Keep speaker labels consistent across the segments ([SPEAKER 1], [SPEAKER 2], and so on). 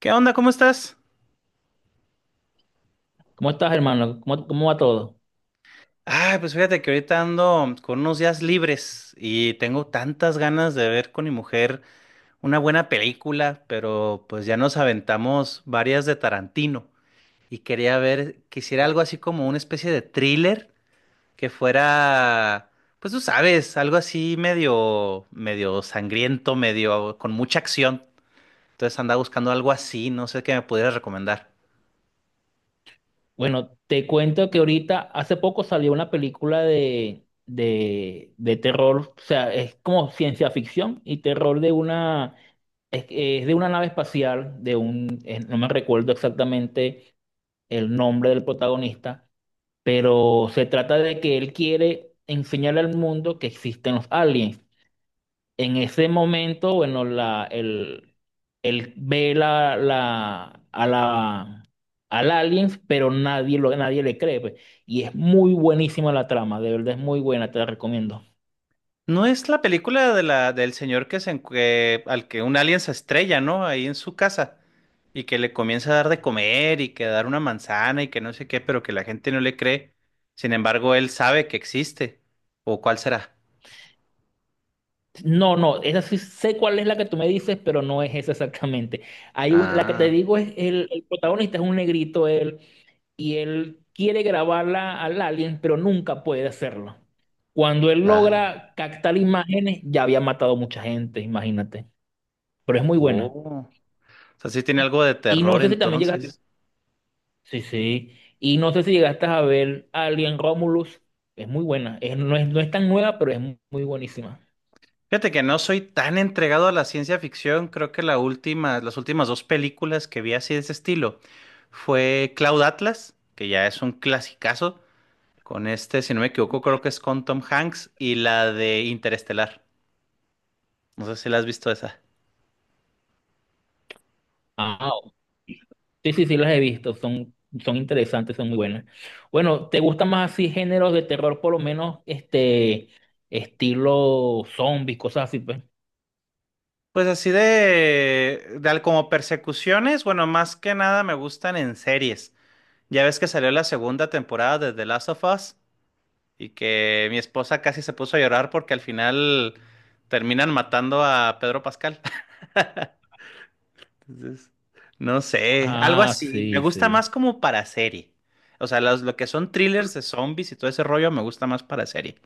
[SPEAKER 1] ¿Qué onda? ¿Cómo estás?
[SPEAKER 2] ¿Cómo estás, hermano? ¿Cómo, cómo va todo?
[SPEAKER 1] Ah, pues fíjate que ahorita ando con unos días libres y tengo tantas ganas de ver con mi mujer una buena película, pero pues ya nos aventamos varias de Tarantino y quisiera algo así como una especie de thriller que fuera, pues tú sabes, algo así medio, medio sangriento, medio con mucha acción. Entonces andaba buscando algo así, no sé qué me pudieras recomendar.
[SPEAKER 2] Bueno, te cuento que ahorita, hace poco salió una película de terror, o sea, es como ciencia ficción y terror de una, es de una nave espacial, de un, no me recuerdo exactamente el nombre del protagonista, pero se trata de que él quiere enseñarle al mundo que existen los aliens. En ese momento, bueno, la, el, él ve la, la, a la, al alien, pero nadie, lo, nadie le cree, pues. Y es muy buenísima la trama, de verdad es muy buena, te la recomiendo.
[SPEAKER 1] No es la película de la, del señor que se, en- que- al que un alien se estrella, ¿no? Ahí en su casa. Y que le comienza a dar de comer y que a dar una manzana y que no sé qué, pero que la gente no le cree. Sin embargo, él sabe que existe. ¿O cuál será?
[SPEAKER 2] No, no, esa sí sé cuál es la que tú me dices, pero no es esa exactamente. Hay un, la que te
[SPEAKER 1] Ah,
[SPEAKER 2] digo es el protagonista es un negrito, él, y él quiere grabarla al alien, pero nunca puede hacerlo. Cuando él
[SPEAKER 1] valga.
[SPEAKER 2] logra captar imágenes, ya había matado mucha gente, imagínate. Pero es muy buena.
[SPEAKER 1] Oh. O sea, sí tiene algo de
[SPEAKER 2] Y no
[SPEAKER 1] terror
[SPEAKER 2] sé si también llegaste,
[SPEAKER 1] entonces.
[SPEAKER 2] sí, sí, sí, y no sé si llegaste a ver Alien Romulus, es muy buena, es, no es, no es tan nueva, pero es muy buenísima.
[SPEAKER 1] Fíjate que no soy tan entregado a la ciencia ficción. Creo que la última, las últimas dos películas que vi así de ese estilo fue Cloud Atlas, que ya es un clasicazo. Con este, si no me equivoco, creo que es con Tom Hanks y la de Interestelar. No sé si la has visto esa.
[SPEAKER 2] Ah, sí, sí, sí, las he visto, son, son interesantes, son muy buenas. Bueno, ¿te gustan más así géneros de terror, por lo menos, este, estilo zombies, cosas así, pues?
[SPEAKER 1] Pues así como persecuciones, bueno, más que nada me gustan en series. Ya ves que salió la segunda temporada de The Last of Us y que mi esposa casi se puso a llorar porque al final terminan matando a Pedro Pascal. Entonces, no sé, algo
[SPEAKER 2] Ah,
[SPEAKER 1] así. Me
[SPEAKER 2] sí,
[SPEAKER 1] gusta
[SPEAKER 2] sí.
[SPEAKER 1] más como para serie. O sea, lo que son thrillers de zombies y todo ese rollo me gusta más para serie.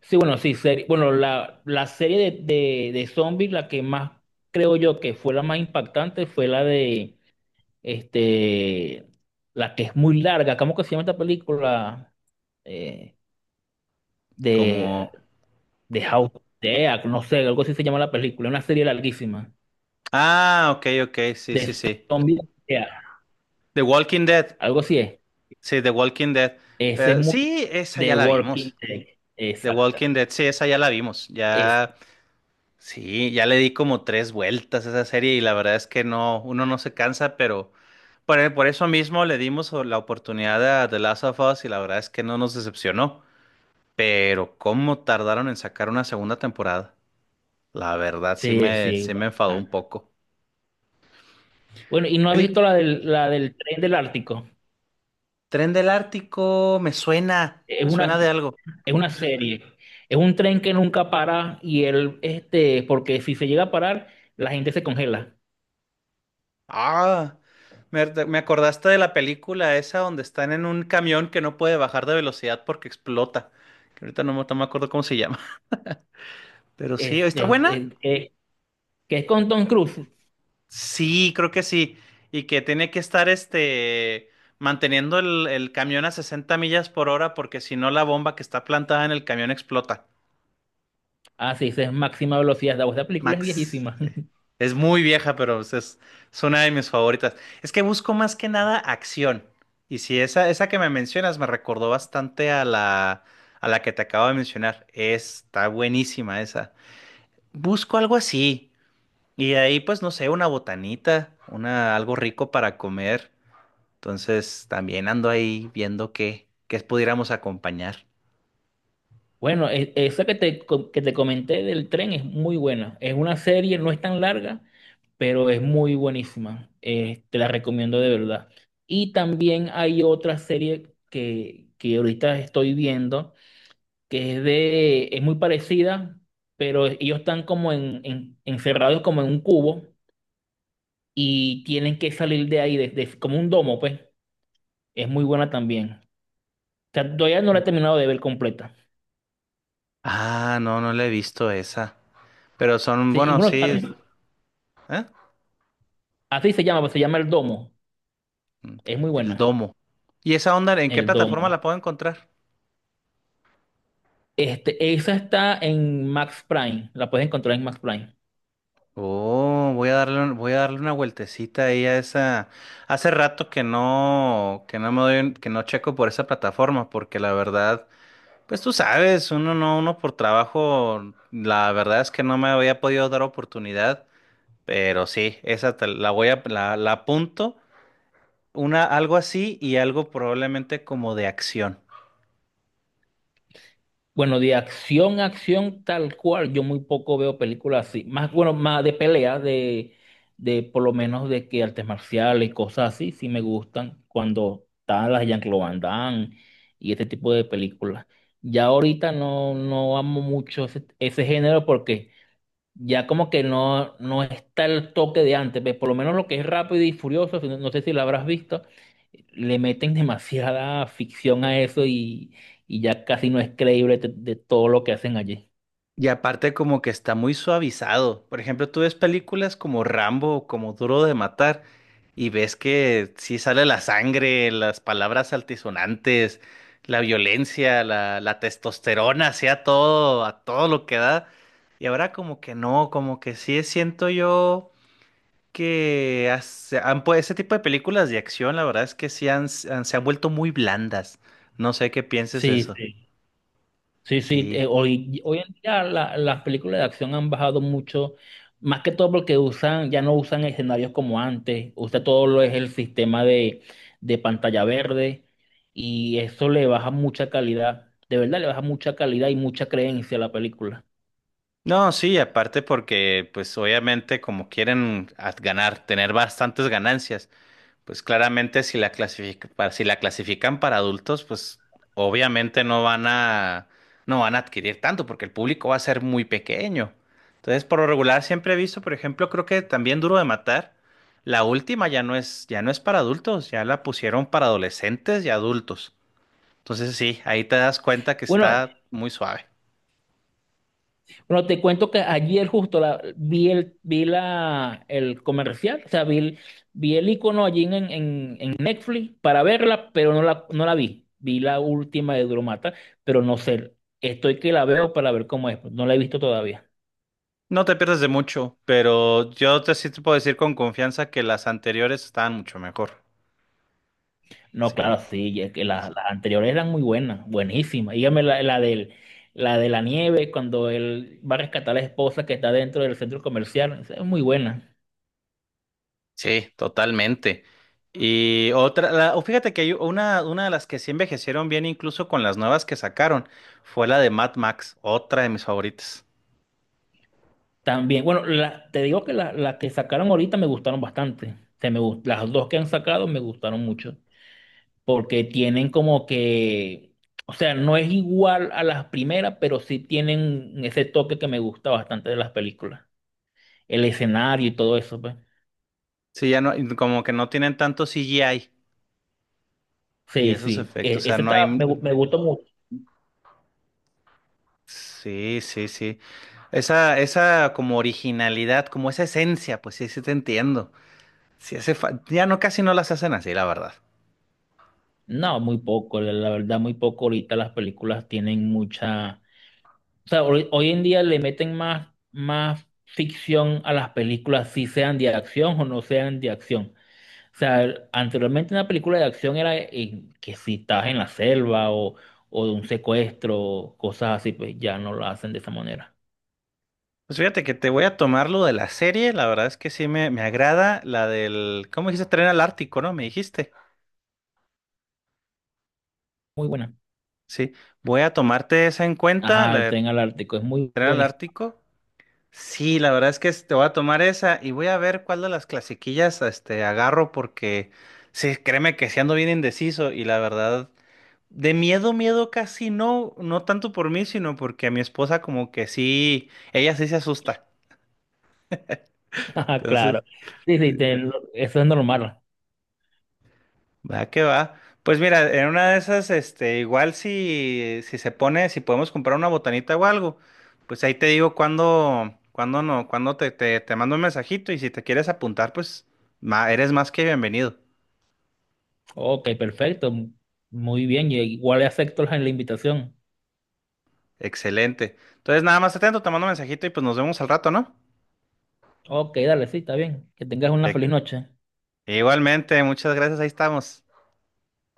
[SPEAKER 2] Sí, bueno, sí, serie, bueno, la serie de zombies, la que más creo yo que fue la más impactante fue la de este, la que es muy larga, ¿cómo que se llama esta película? Eh,
[SPEAKER 1] Como
[SPEAKER 2] de, de House of Dead, no sé, algo así se llama la película, una serie larguísima,
[SPEAKER 1] Ah, ok, ok, sí,
[SPEAKER 2] de
[SPEAKER 1] sí, sí.
[SPEAKER 2] zombies, yeah,
[SPEAKER 1] The Walking Dead.
[SPEAKER 2] algo así es.
[SPEAKER 1] Sí, The Walking Dead.
[SPEAKER 2] Ese es
[SPEAKER 1] Pero
[SPEAKER 2] muy,
[SPEAKER 1] sí, esa
[SPEAKER 2] The
[SPEAKER 1] ya la
[SPEAKER 2] Walking
[SPEAKER 1] vimos.
[SPEAKER 2] Dead,
[SPEAKER 1] The
[SPEAKER 2] exacto.
[SPEAKER 1] Walking Dead, sí, esa ya la vimos.
[SPEAKER 2] Es-
[SPEAKER 1] Ya, sí, ya le di como tres vueltas a esa serie y la verdad es que no, uno no se cansa, pero por eso mismo le dimos la oportunidad a The Last of Us y la verdad es que no nos decepcionó. Pero cómo tardaron en sacar una segunda temporada. La verdad
[SPEAKER 2] sí, sí.
[SPEAKER 1] sí me enfadó un
[SPEAKER 2] Bacana.
[SPEAKER 1] poco.
[SPEAKER 2] Bueno, ¿y no has
[SPEAKER 1] El
[SPEAKER 2] visto la del tren del Ártico?
[SPEAKER 1] Tren del Ártico,
[SPEAKER 2] Es
[SPEAKER 1] me suena de
[SPEAKER 2] una,
[SPEAKER 1] algo.
[SPEAKER 2] es una serie. Es un tren que nunca para y él, este, porque si se llega a parar, la gente se congela.
[SPEAKER 1] Ah, me acordaste de la película esa donde están en un camión que no puede bajar de velocidad porque explota. Que ahorita no, me no me acuerdo cómo se llama. Pero sí,
[SPEAKER 2] Es,
[SPEAKER 1] ¿está
[SPEAKER 2] es,
[SPEAKER 1] buena?
[SPEAKER 2] es- es- que es con Tom Cruise.
[SPEAKER 1] Sí, creo que sí. Y que tiene que estar este manteniendo el camión a 60 millas por hora porque si no la bomba que está plantada en el camión explota.
[SPEAKER 2] Así es máxima velocidad. La voz de la película es
[SPEAKER 1] Max.
[SPEAKER 2] viejísima.
[SPEAKER 1] Sí. Es muy vieja, pero es una de mis favoritas. Es que busco más que nada acción. Y si esa, esa que me mencionas me recordó bastante a la que te acabo de mencionar. Está buenísima esa. Busco algo así. Y de ahí, pues, no sé, una botanita, una, algo rico para comer. Entonces, también ando ahí viendo qué pudiéramos acompañar.
[SPEAKER 2] Bueno, esa que te, que te comenté del tren es muy buena. Es una serie, no es tan larga, pero es muy buenísima. Te la recomiendo de verdad. Y también hay otra serie que ahorita estoy viendo, que es de, es muy parecida, pero ellos están como en, encerrados como en un cubo y tienen que salir de ahí, desde como un domo, pues. Es muy buena también. O sea, todavía no la he terminado de ver completa.
[SPEAKER 1] Ah, no, no la he visto esa. Pero son,
[SPEAKER 2] Sí, y
[SPEAKER 1] bueno,
[SPEAKER 2] bueno,
[SPEAKER 1] sí. ¿Eh?
[SPEAKER 2] así se llama, pues se llama El Domo.
[SPEAKER 1] Mm,
[SPEAKER 2] Es muy
[SPEAKER 1] el
[SPEAKER 2] buena,
[SPEAKER 1] domo. ¿Y esa onda en qué
[SPEAKER 2] El
[SPEAKER 1] plataforma
[SPEAKER 2] Domo.
[SPEAKER 1] la puedo encontrar?
[SPEAKER 2] Este, esa está en Max Prime, la puedes encontrar en Max Prime.
[SPEAKER 1] Oh, voy a darle una vueltecita ahí a esa. Hace rato que no, que no checo por esa plataforma, porque la verdad, pues tú sabes, uno no, uno por trabajo, la verdad es que no me había podido dar oportunidad, pero sí, esa la voy a, la apunto, una, algo así y algo probablemente como de acción.
[SPEAKER 2] Bueno, de acción a acción tal cual, yo muy poco veo películas así. Más, bueno, más de pelea, de por lo menos de que artes marciales y cosas así, sí me gustan cuando están las Jean-Claude Van Damme y este tipo de películas. Ya ahorita no, no amo mucho ese, ese género porque... ya como que no, no está el toque de antes, pues, por lo menos lo que es Rápido y Furioso, si no, no sé si lo habrás visto, le meten demasiada ficción a eso y ya casi no es creíble de todo lo que hacen allí.
[SPEAKER 1] Y aparte como que está muy suavizado. Por ejemplo, tú ves películas como Rambo o como Duro de Matar y ves que sí sale la sangre, las palabras altisonantes, la violencia, la testosterona, así a todo lo que da. Y ahora como que no, como que sí siento yo que ese tipo de películas de acción, la verdad es que sí se han vuelto muy blandas. No sé qué pienses de
[SPEAKER 2] Sí,
[SPEAKER 1] eso.
[SPEAKER 2] sí. Sí, sí,
[SPEAKER 1] Sí.
[SPEAKER 2] hoy, hoy en día las películas de acción han bajado mucho, más que todo porque usan, ya no usan escenarios como antes, usa todo lo es el sistema de pantalla verde y eso le baja mucha calidad, de verdad le baja mucha calidad y mucha creencia a la película.
[SPEAKER 1] No, sí, aparte porque pues obviamente como quieren ganar, tener bastantes ganancias, pues claramente si la si la clasifican para adultos, pues obviamente no van a adquirir tanto porque el público va a ser muy pequeño. Entonces, por lo regular siempre he visto, por ejemplo, creo que también Duro de Matar, la última ya no es para adultos, ya la pusieron para adolescentes y adultos. Entonces, sí, ahí te das cuenta que
[SPEAKER 2] Bueno,
[SPEAKER 1] está muy suave.
[SPEAKER 2] Bueno, te cuento que ayer justo la, vi el, vi la, el comercial, o sea, vi el icono allí en Netflix para verla, pero no la, no la vi. Vi la última de Duromata, pero no sé, estoy que la veo para ver cómo es, pues, no la he visto todavía.
[SPEAKER 1] No te pierdes de mucho, pero yo te sí te puedo decir con confianza que las anteriores estaban mucho mejor.
[SPEAKER 2] No,
[SPEAKER 1] Sí,
[SPEAKER 2] claro, sí, y es que las anteriores eran muy buenas, buenísimas. Dígame la, la del, la de la nieve, cuando él va a rescatar a la esposa que está dentro del centro comercial, esa es muy buena.
[SPEAKER 1] sí, totalmente. Y otra, o fíjate que hay una, de las que sí envejecieron bien, incluso con las nuevas que sacaron, fue la de Mad Max, otra de mis favoritas.
[SPEAKER 2] También, bueno, te digo que las que sacaron ahorita me gustaron bastante. Se me, las dos que han sacado me gustaron mucho. Porque tienen como que, o sea, no es igual a las primeras, pero sí tienen ese toque que me gusta bastante de las películas. El escenario y todo eso, pues.
[SPEAKER 1] Sí, ya no, como que no tienen tanto CGI y
[SPEAKER 2] Sí,
[SPEAKER 1] esos
[SPEAKER 2] sí.
[SPEAKER 1] efectos, o sea,
[SPEAKER 2] Ese
[SPEAKER 1] no
[SPEAKER 2] está,
[SPEAKER 1] hay... un-
[SPEAKER 2] me gustó mucho.
[SPEAKER 1] Sí, sí, sí. Esa como originalidad, como esa esencia, pues sí, sí te entiendo. Sí, ya no, casi no las hacen así, la verdad.
[SPEAKER 2] No, muy poco, la la verdad, muy poco. Ahorita las películas tienen mucha. O sea, hoy, hoy en día le meten más, más ficción a las películas, si sean de acción o no sean de acción. O sea, anteriormente una película de acción era que si estabas en la selva o de un secuestro, cosas así, pues ya no lo hacen de esa manera.
[SPEAKER 1] Pues fíjate que te voy a tomar lo de la serie, la verdad es que sí me agrada la del, ¿cómo dijiste? Tren al Ártico, ¿no? Me dijiste.
[SPEAKER 2] Muy buena.
[SPEAKER 1] Sí, voy a tomarte esa en cuenta,
[SPEAKER 2] Ajá,
[SPEAKER 1] la
[SPEAKER 2] el
[SPEAKER 1] de
[SPEAKER 2] tren al Ártico, es muy
[SPEAKER 1] Tren al
[SPEAKER 2] bonito.
[SPEAKER 1] Ártico. Sí, la verdad es que te voy a tomar esa y voy a ver cuál de las clasiquillas este, agarro porque sí, créeme que sí ando bien indeciso y la verdad, de miedo, miedo casi no, no tanto por mí, sino porque a mi esposa como que sí, ella sí se asusta.
[SPEAKER 2] Ajá, claro.
[SPEAKER 1] Entonces...
[SPEAKER 2] Sí, sí,
[SPEAKER 1] sí.
[SPEAKER 2] eso es normal.
[SPEAKER 1] Va que va. Pues mira, en una de esas, este, igual si, si podemos comprar una botanita o algo, pues ahí te digo cuándo, cuándo no, cuándo te mando un mensajito y si te quieres apuntar, pues eres más que bienvenido.
[SPEAKER 2] Ok, perfecto. Muy bien, yo igual acepto la la invitación.
[SPEAKER 1] Excelente. Entonces, nada más atento, te mando un mensajito y pues nos vemos al rato, ¿no?
[SPEAKER 2] Ok, dale, sí, está bien. Que tengas una
[SPEAKER 1] E-
[SPEAKER 2] feliz noche.
[SPEAKER 1] Igualmente, muchas gracias, ahí estamos.